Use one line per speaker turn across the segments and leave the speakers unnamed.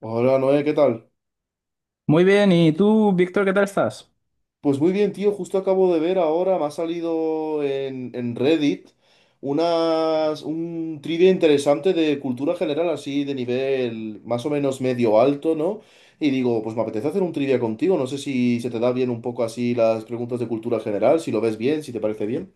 Hola Noé, ¿qué tal?
Muy bien, ¿y tú, Víctor, qué tal estás?
Pues muy bien, tío, justo acabo de ver ahora, me ha salido en Reddit un trivia interesante de cultura general, así de nivel más o menos medio alto, ¿no? Y digo, pues me apetece hacer un trivia contigo, no sé si se te da bien un poco así las preguntas de cultura general, si lo ves bien, si te parece bien.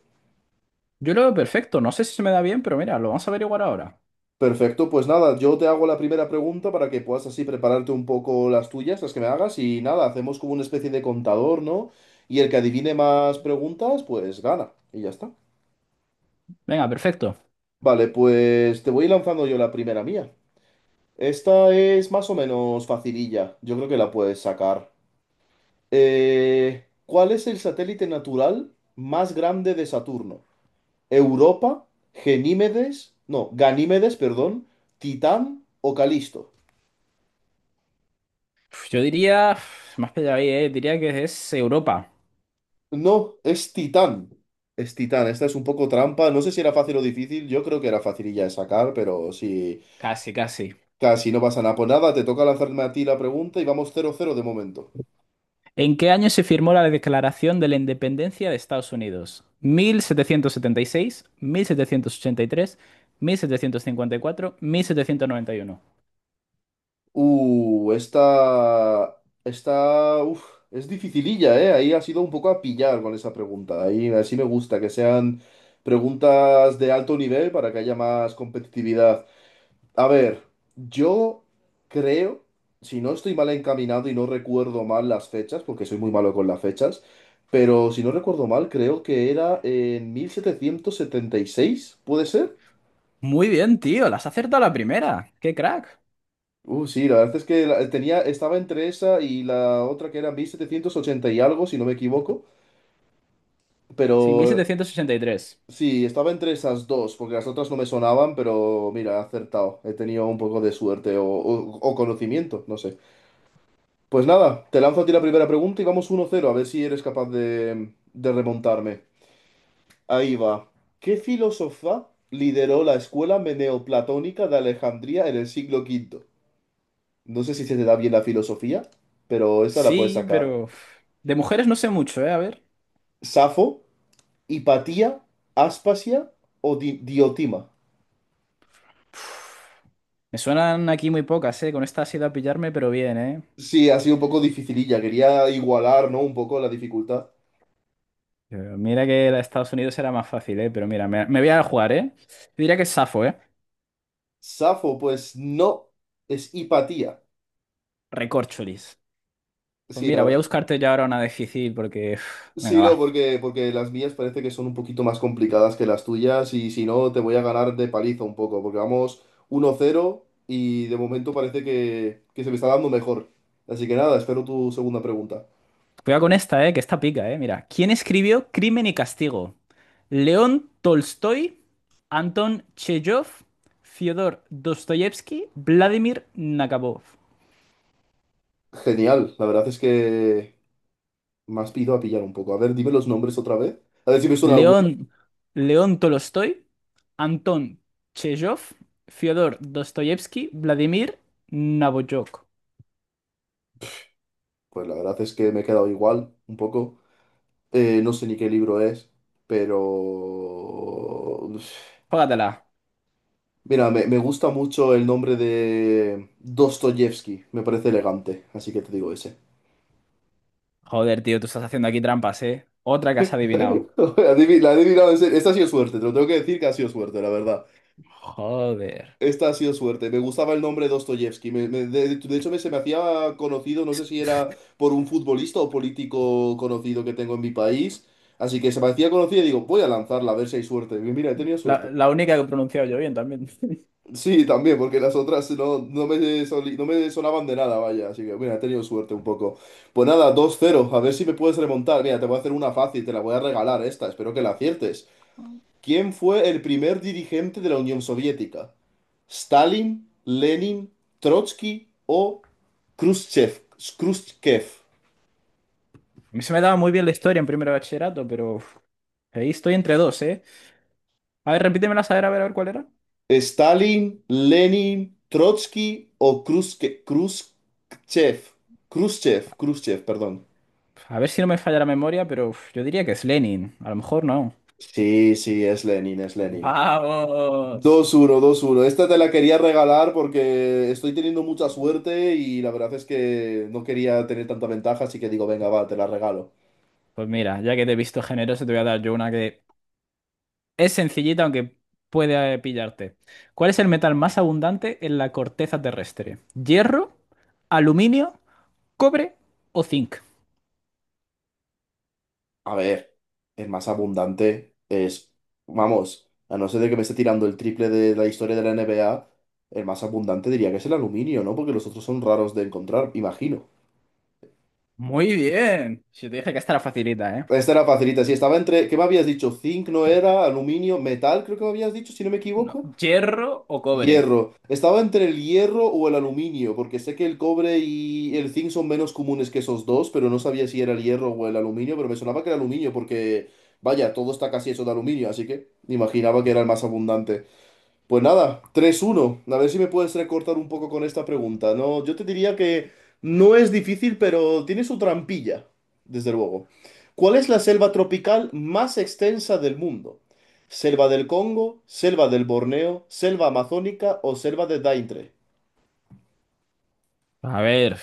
Yo lo veo perfecto, no sé si se me da bien, pero mira, lo vamos a averiguar ahora.
Perfecto, pues nada, yo te hago la primera pregunta para que puedas así prepararte un poco las tuyas, las que me hagas, y nada, hacemos como una especie de contador, ¿no? Y el que adivine más preguntas, pues gana, y ya está.
Venga, perfecto.
Vale, pues te voy lanzando yo la primera mía. Esta es más o menos facililla, yo creo que la puedes sacar. ¿Cuál es el satélite natural más grande de Saturno? ¿Europa, Genímedes, no, Ganímedes, perdón, Titán o Calisto?
Yo diría, más pillado ahí, diría que es Europa.
No, es Titán. Es Titán. Esta es un poco trampa. No sé si era fácil o difícil. Yo creo que era facililla de sacar, pero sí.
Casi, casi.
Casi no pasa nada. Pues nada, te toca lanzarme a ti la pregunta y vamos 0-0 de momento.
¿En qué año se firmó la Declaración de la Independencia de Estados Unidos? Mil setecientos setenta y seis, 1783, 1754, 1791.
Uh, esta. Esta. Uf, es dificililla, ¿eh? Ahí ha sido un poco a pillar con esa pregunta. Ahí así me gusta, que sean preguntas de alto nivel para que haya más competitividad. A ver, yo creo, si no estoy mal encaminado y no recuerdo mal las fechas, porque soy muy malo con las fechas, pero si no recuerdo mal, creo que era en 1776, ¿puede ser?
Muy bien, tío, las has acertado a la primera. ¡Qué crack!
Sí, la verdad es que tenía, estaba entre esa y la otra que era 1780 y algo, si no me equivoco,
Sí, mil
pero
setecientos ochenta y tres.
sí, estaba entre esas dos, porque las otras no me sonaban, pero mira, he acertado, he tenido un poco de suerte o conocimiento, no sé. Pues nada, te lanzo a ti la primera pregunta y vamos 1-0, a ver si eres capaz de remontarme. Ahí va. ¿Qué filósofa lideró la escuela meneoplatónica de Alejandría en el siglo quinto? No sé si se te da bien la filosofía, pero esta la puedes
Sí,
sacar.
pero, de mujeres no sé mucho, ¿eh? A ver.
¿Safo, Hipatía, Aspasia o Diotima?
Me suenan aquí muy pocas, ¿eh? Con esta ha sido a pillarme, pero bien, ¿eh?
Sí, ha sido un poco dificililla. Quería igualar, ¿no? Un poco la dificultad.
Pero mira que la de Estados Unidos era más fácil, ¿eh? Pero mira, me voy a jugar, ¿eh? Yo diría que es Safo, ¿eh?
Safo, pues no, es Hipatía.
Recorcholis. Pues
Sí, la
mira, voy a
verdad.
buscarte ya ahora una difícil porque, venga,
Sí, no,
va.
porque las mías parece que son un poquito más complicadas que las tuyas y si no te voy a ganar de paliza un poco, porque vamos 1-0 y de momento parece que se me está dando mejor. Así que nada, espero tu segunda pregunta.
Cuidado con esta, ¿eh? Que esta pica, ¿eh? Mira. ¿Quién escribió Crimen y Castigo? ¿León Tolstoy? ¿Anton Chejov? ¿Fyodor Dostoyevsky? ¿Vladimir Nabokov?
Genial, la verdad es que me has ido a pillar un poco. A ver, dime los nombres otra vez. A ver si me suena alguno.
León, León Tolstói, Anton Chejov, Fyodor Dostoyevsky, Vladimir Nabokov.
Pues la verdad es que me he quedado igual un poco. No sé ni qué libro es, pero...
Jógatela.
Mira, me gusta mucho el nombre de Dostoyevsky, me parece elegante, así que te digo ese.
Joder, tío, tú estás haciendo aquí trampas, ¿eh? Otra que has adivinado.
La he adivinado en serio. Esta ha sido suerte, te lo tengo que decir que ha sido suerte, la verdad.
Joder.
Esta ha sido suerte. Me gustaba el nombre Dostoyevsky. De hecho, se me hacía conocido, no sé si era por un futbolista o político conocido que tengo en mi país. Así que se me hacía conocido y digo, voy a lanzarla a ver si hay suerte. Y mira, he tenido suerte.
La única que he pronunciado yo bien también.
Sí, también, porque las otras no, no me no me sonaban de nada, vaya. Así que, mira, he tenido suerte un poco. Pues nada, dos 0. A ver si me puedes remontar. Mira, te voy a hacer una fácil, te la voy a regalar esta. Espero que la aciertes. ¿Quién fue el primer dirigente de la Unión Soviética? ¿Stalin, Lenin, Trotsky o Khrushchev? Khrushchev.
A mí se me daba muy bien la historia en primero de bachillerato, pero ahí estoy entre dos, ¿eh? A ver, repítemela, a ver, a ver, a ver cuál era.
¿Stalin, Lenin, Trotsky o Khrushchev? Khrushchev, Khrushchev, perdón.
A ver si no me falla la memoria, pero yo diría que es Lenin. A lo mejor no.
Sí, sí, es Lenin, es Lenin.
¡Vamos!
2-1. 2-1. Esta te la quería regalar porque estoy teniendo mucha suerte y la verdad es que no quería tener tanta ventaja, así que digo, venga, va, te la regalo.
Pues mira, ya que te he visto generoso, te voy a dar yo una que es sencillita, aunque puede pillarte. ¿Cuál es el metal más abundante en la corteza terrestre? ¿Hierro, aluminio, cobre o zinc?
A ver, el más abundante es, vamos, a no ser de que me esté tirando el triple de la historia de la NBA, el más abundante diría que es el aluminio, ¿no? Porque los otros son raros de encontrar, imagino.
Muy bien. Si te dije que esta era facilita, ¿eh?
Esta era facilita, sí, estaba entre, ¿qué me habías dicho? Zinc no era, aluminio, metal, creo que me habías dicho, si no me
No,
equivoco.
¿hierro o cobre?
Hierro. Estaba entre el hierro o el aluminio, porque sé que el cobre y el zinc son menos comunes que esos dos, pero no sabía si era el hierro o el aluminio, pero me sonaba que era aluminio, porque vaya, todo está casi hecho de aluminio, así que imaginaba que era el más abundante. Pues nada, 3-1. A ver si me puedes recortar un poco con esta pregunta. No, yo te diría que no es difícil, pero tiene su trampilla, desde luego. ¿Cuál es la selva tropical más extensa del mundo? ¿Selva del Congo, selva del Borneo, selva amazónica o selva de Daintre?
A ver,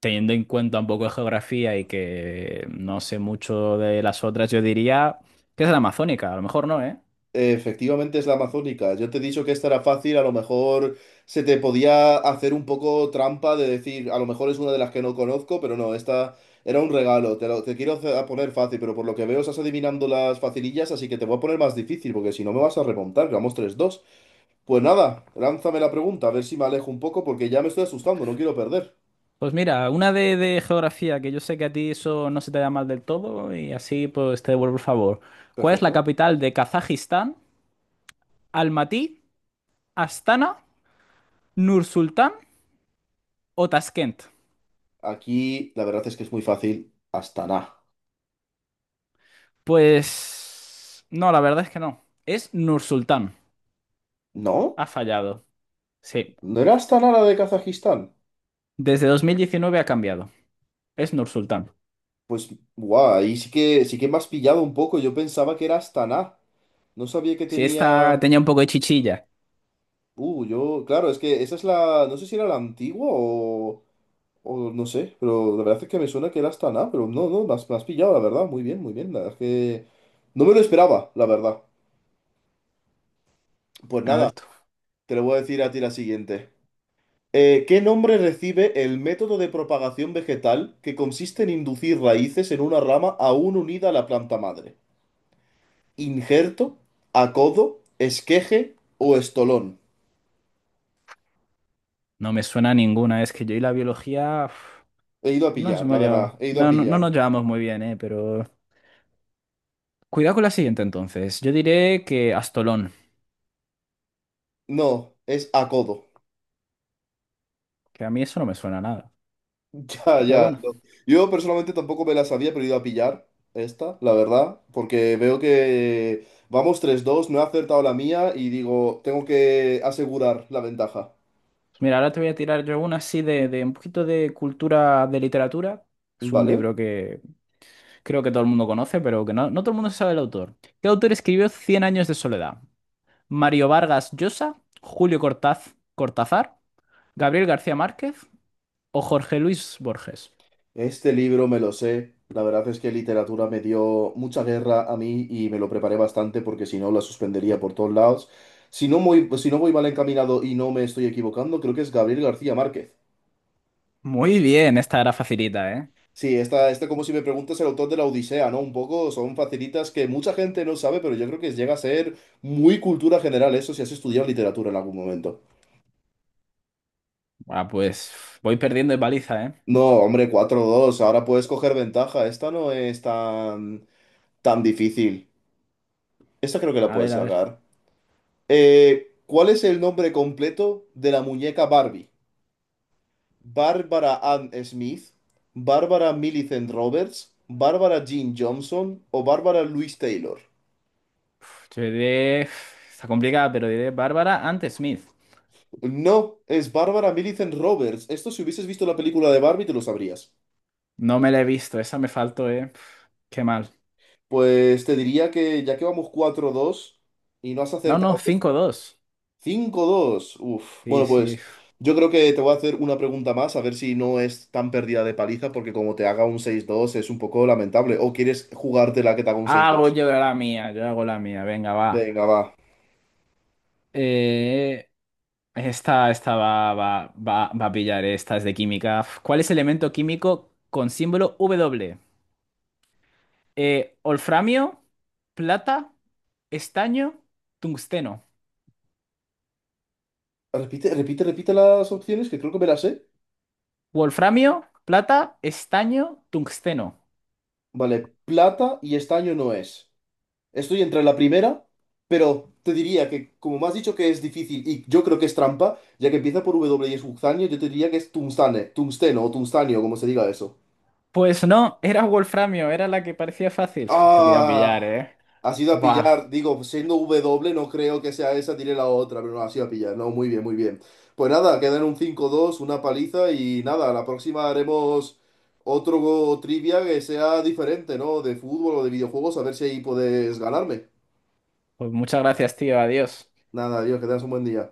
teniendo en cuenta un poco de geografía y que no sé mucho de las otras, yo diría que es la amazónica, a lo mejor no, ¿eh?
Efectivamente es la amazónica. Yo te he dicho que esta era fácil, a lo mejor se te podía hacer un poco trampa de decir, a lo mejor es una de las que no conozco, pero no, esta era un regalo. Te, lo- te quiero hacer- a poner fácil, pero por lo que veo estás adivinando las facilillas, así que te voy a poner más difícil, porque si no me vas a remontar, que vamos 3-2. Pues nada, lánzame la pregunta, a ver si me alejo un poco, porque ya me estoy asustando, no quiero perder.
Pues mira, una de geografía, que yo sé que a ti eso no se te da mal del todo, y así pues te devuelvo el favor. ¿Cuál es la
Perfecto.
capital de Kazajistán? ¿Almatí, Astana, Nursultán o Taskent?
Aquí la verdad es que es muy fácil. Astana.
Pues no, la verdad es que no. Es Nursultán.
¿No?
Ha fallado. Sí.
¿No era Astana la de Kazajistán?
Desde 2019 ha cambiado. Es Nursultán.
Pues, guau, ahí sí que me has pillado un poco. Yo pensaba que era Astana. No sabía que
Si esta
tenía.
tenía un poco de chichilla.
Yo. Claro, es que esa es la. No sé si era la antigua o. O no sé, pero la verdad es que me suena que era Astana, pero no, no, me has pillado, la verdad. Muy bien, muy bien. La verdad es que. No me lo esperaba, la verdad. Pues
A
nada,
ver tú.
te lo voy a decir a ti la siguiente. ¿Qué nombre recibe el método de propagación vegetal que consiste en inducir raíces en una rama aún unida a la planta madre? Injerto, acodo, esqueje o estolón.
No me suena a ninguna. Es que yo y la biología,
He ido a pillar, la verdad, he ido a
no, no, no nos
pillar.
llevamos muy bien, ¿eh? Pero cuidado con la siguiente entonces. Yo diré que Astolón,
No, es acodo.
que a mí eso no me suena a nada.
Ya,
Pero
ya.
bueno,
No. Yo personalmente tampoco me la sabía, pero he ido a pillar esta, la verdad, porque veo que vamos 3-2, no he acertado la mía y digo, tengo que asegurar la ventaja.
mira, ahora te voy a tirar yo una así de un poquito de cultura de literatura. Es un
Vale.
libro que creo que todo el mundo conoce, pero que no, no todo el mundo sabe el autor. ¿Qué autor escribió Cien años de soledad? ¿Mario Vargas Llosa, Julio Cortaz, Cortázar, Gabriel García Márquez o Jorge Luis Borges?
Este libro me lo sé. La verdad es que literatura me dio mucha guerra a mí y me lo preparé bastante porque si no la suspendería por todos lados. Si no, muy, si no voy mal encaminado y no me estoy equivocando, creo que es Gabriel García Márquez.
Muy bien, esta era facilita, ¿eh?
Sí, esta, este como si me preguntas el autor de la Odisea, ¿no? Un poco son facilitas que mucha gente no sabe, pero yo creo que llega a ser muy cultura general eso si has estudiado literatura en algún momento.
Ah, pues voy perdiendo de paliza, ¿eh?
No, hombre, 4-2. Ahora puedes coger ventaja. Esta no es tan, tan difícil. Esta creo que la
A
puedes
ver, a ver.
sacar. ¿Cuál es el nombre completo de la muñeca Barbie? ¿Barbara Ann Smith? ¿Barbara Millicent Roberts? ¿Barbara Jean Johnson? ¿O Barbara Louise Taylor?
Yo diré. Está complicada, pero diré Bárbara antes Smith.
No, es Barbara Millicent Roberts. Esto si hubieses visto la película de Barbie te lo sabrías.
No me la he visto, esa me faltó, eh. Pf, qué mal.
Pues te diría que ya que vamos 4-2 y no has
No, no,
acertado
cinco
esta,
dos.
5-2. Uf.
Sí,
Bueno,
sí.
pues
Pf.
yo creo que te voy a hacer una pregunta más, a ver si no es tan perdida de paliza, porque como te haga un 6-2 es un poco lamentable. ¿O quieres jugarte la que te haga un seis
Hago
dos.
yo la mía, yo hago la mía. Venga, va.
Venga, va.
Eh, esta va a pillar, esta es de química. Pf, ¿cuál es el elemento químico con símbolo W? ¿Olframio, plata, estaño, tungsteno?
Repite, repite, repite las opciones, que creo que me las sé.
Wolframio, plata, estaño, tungsteno.
Vale, plata y estaño no es. Estoy entre la primera, pero te diría que, como me has dicho que es difícil y yo creo que es trampa, ya que empieza por W y es Uxanio, yo te diría que es tungstane, tungsteno o tungstanio, como se diga eso.
Pues no, era Wolframio, era la que parecía fácil. Fíjate, te iba a pillar,
Ah,
¿eh?
has ido a
Buah,
pillar, digo, siendo W no creo que sea esa, tiré la otra, pero no, has ido a pillar, no, muy bien, muy bien. Pues nada, quedan un 5-2, una paliza y nada, la próxima haremos otro trivia que sea diferente, ¿no? De fútbol o de videojuegos, a ver si ahí puedes ganarme.
pues muchas gracias, tío, adiós.
Nada, adiós, que tengas un buen día.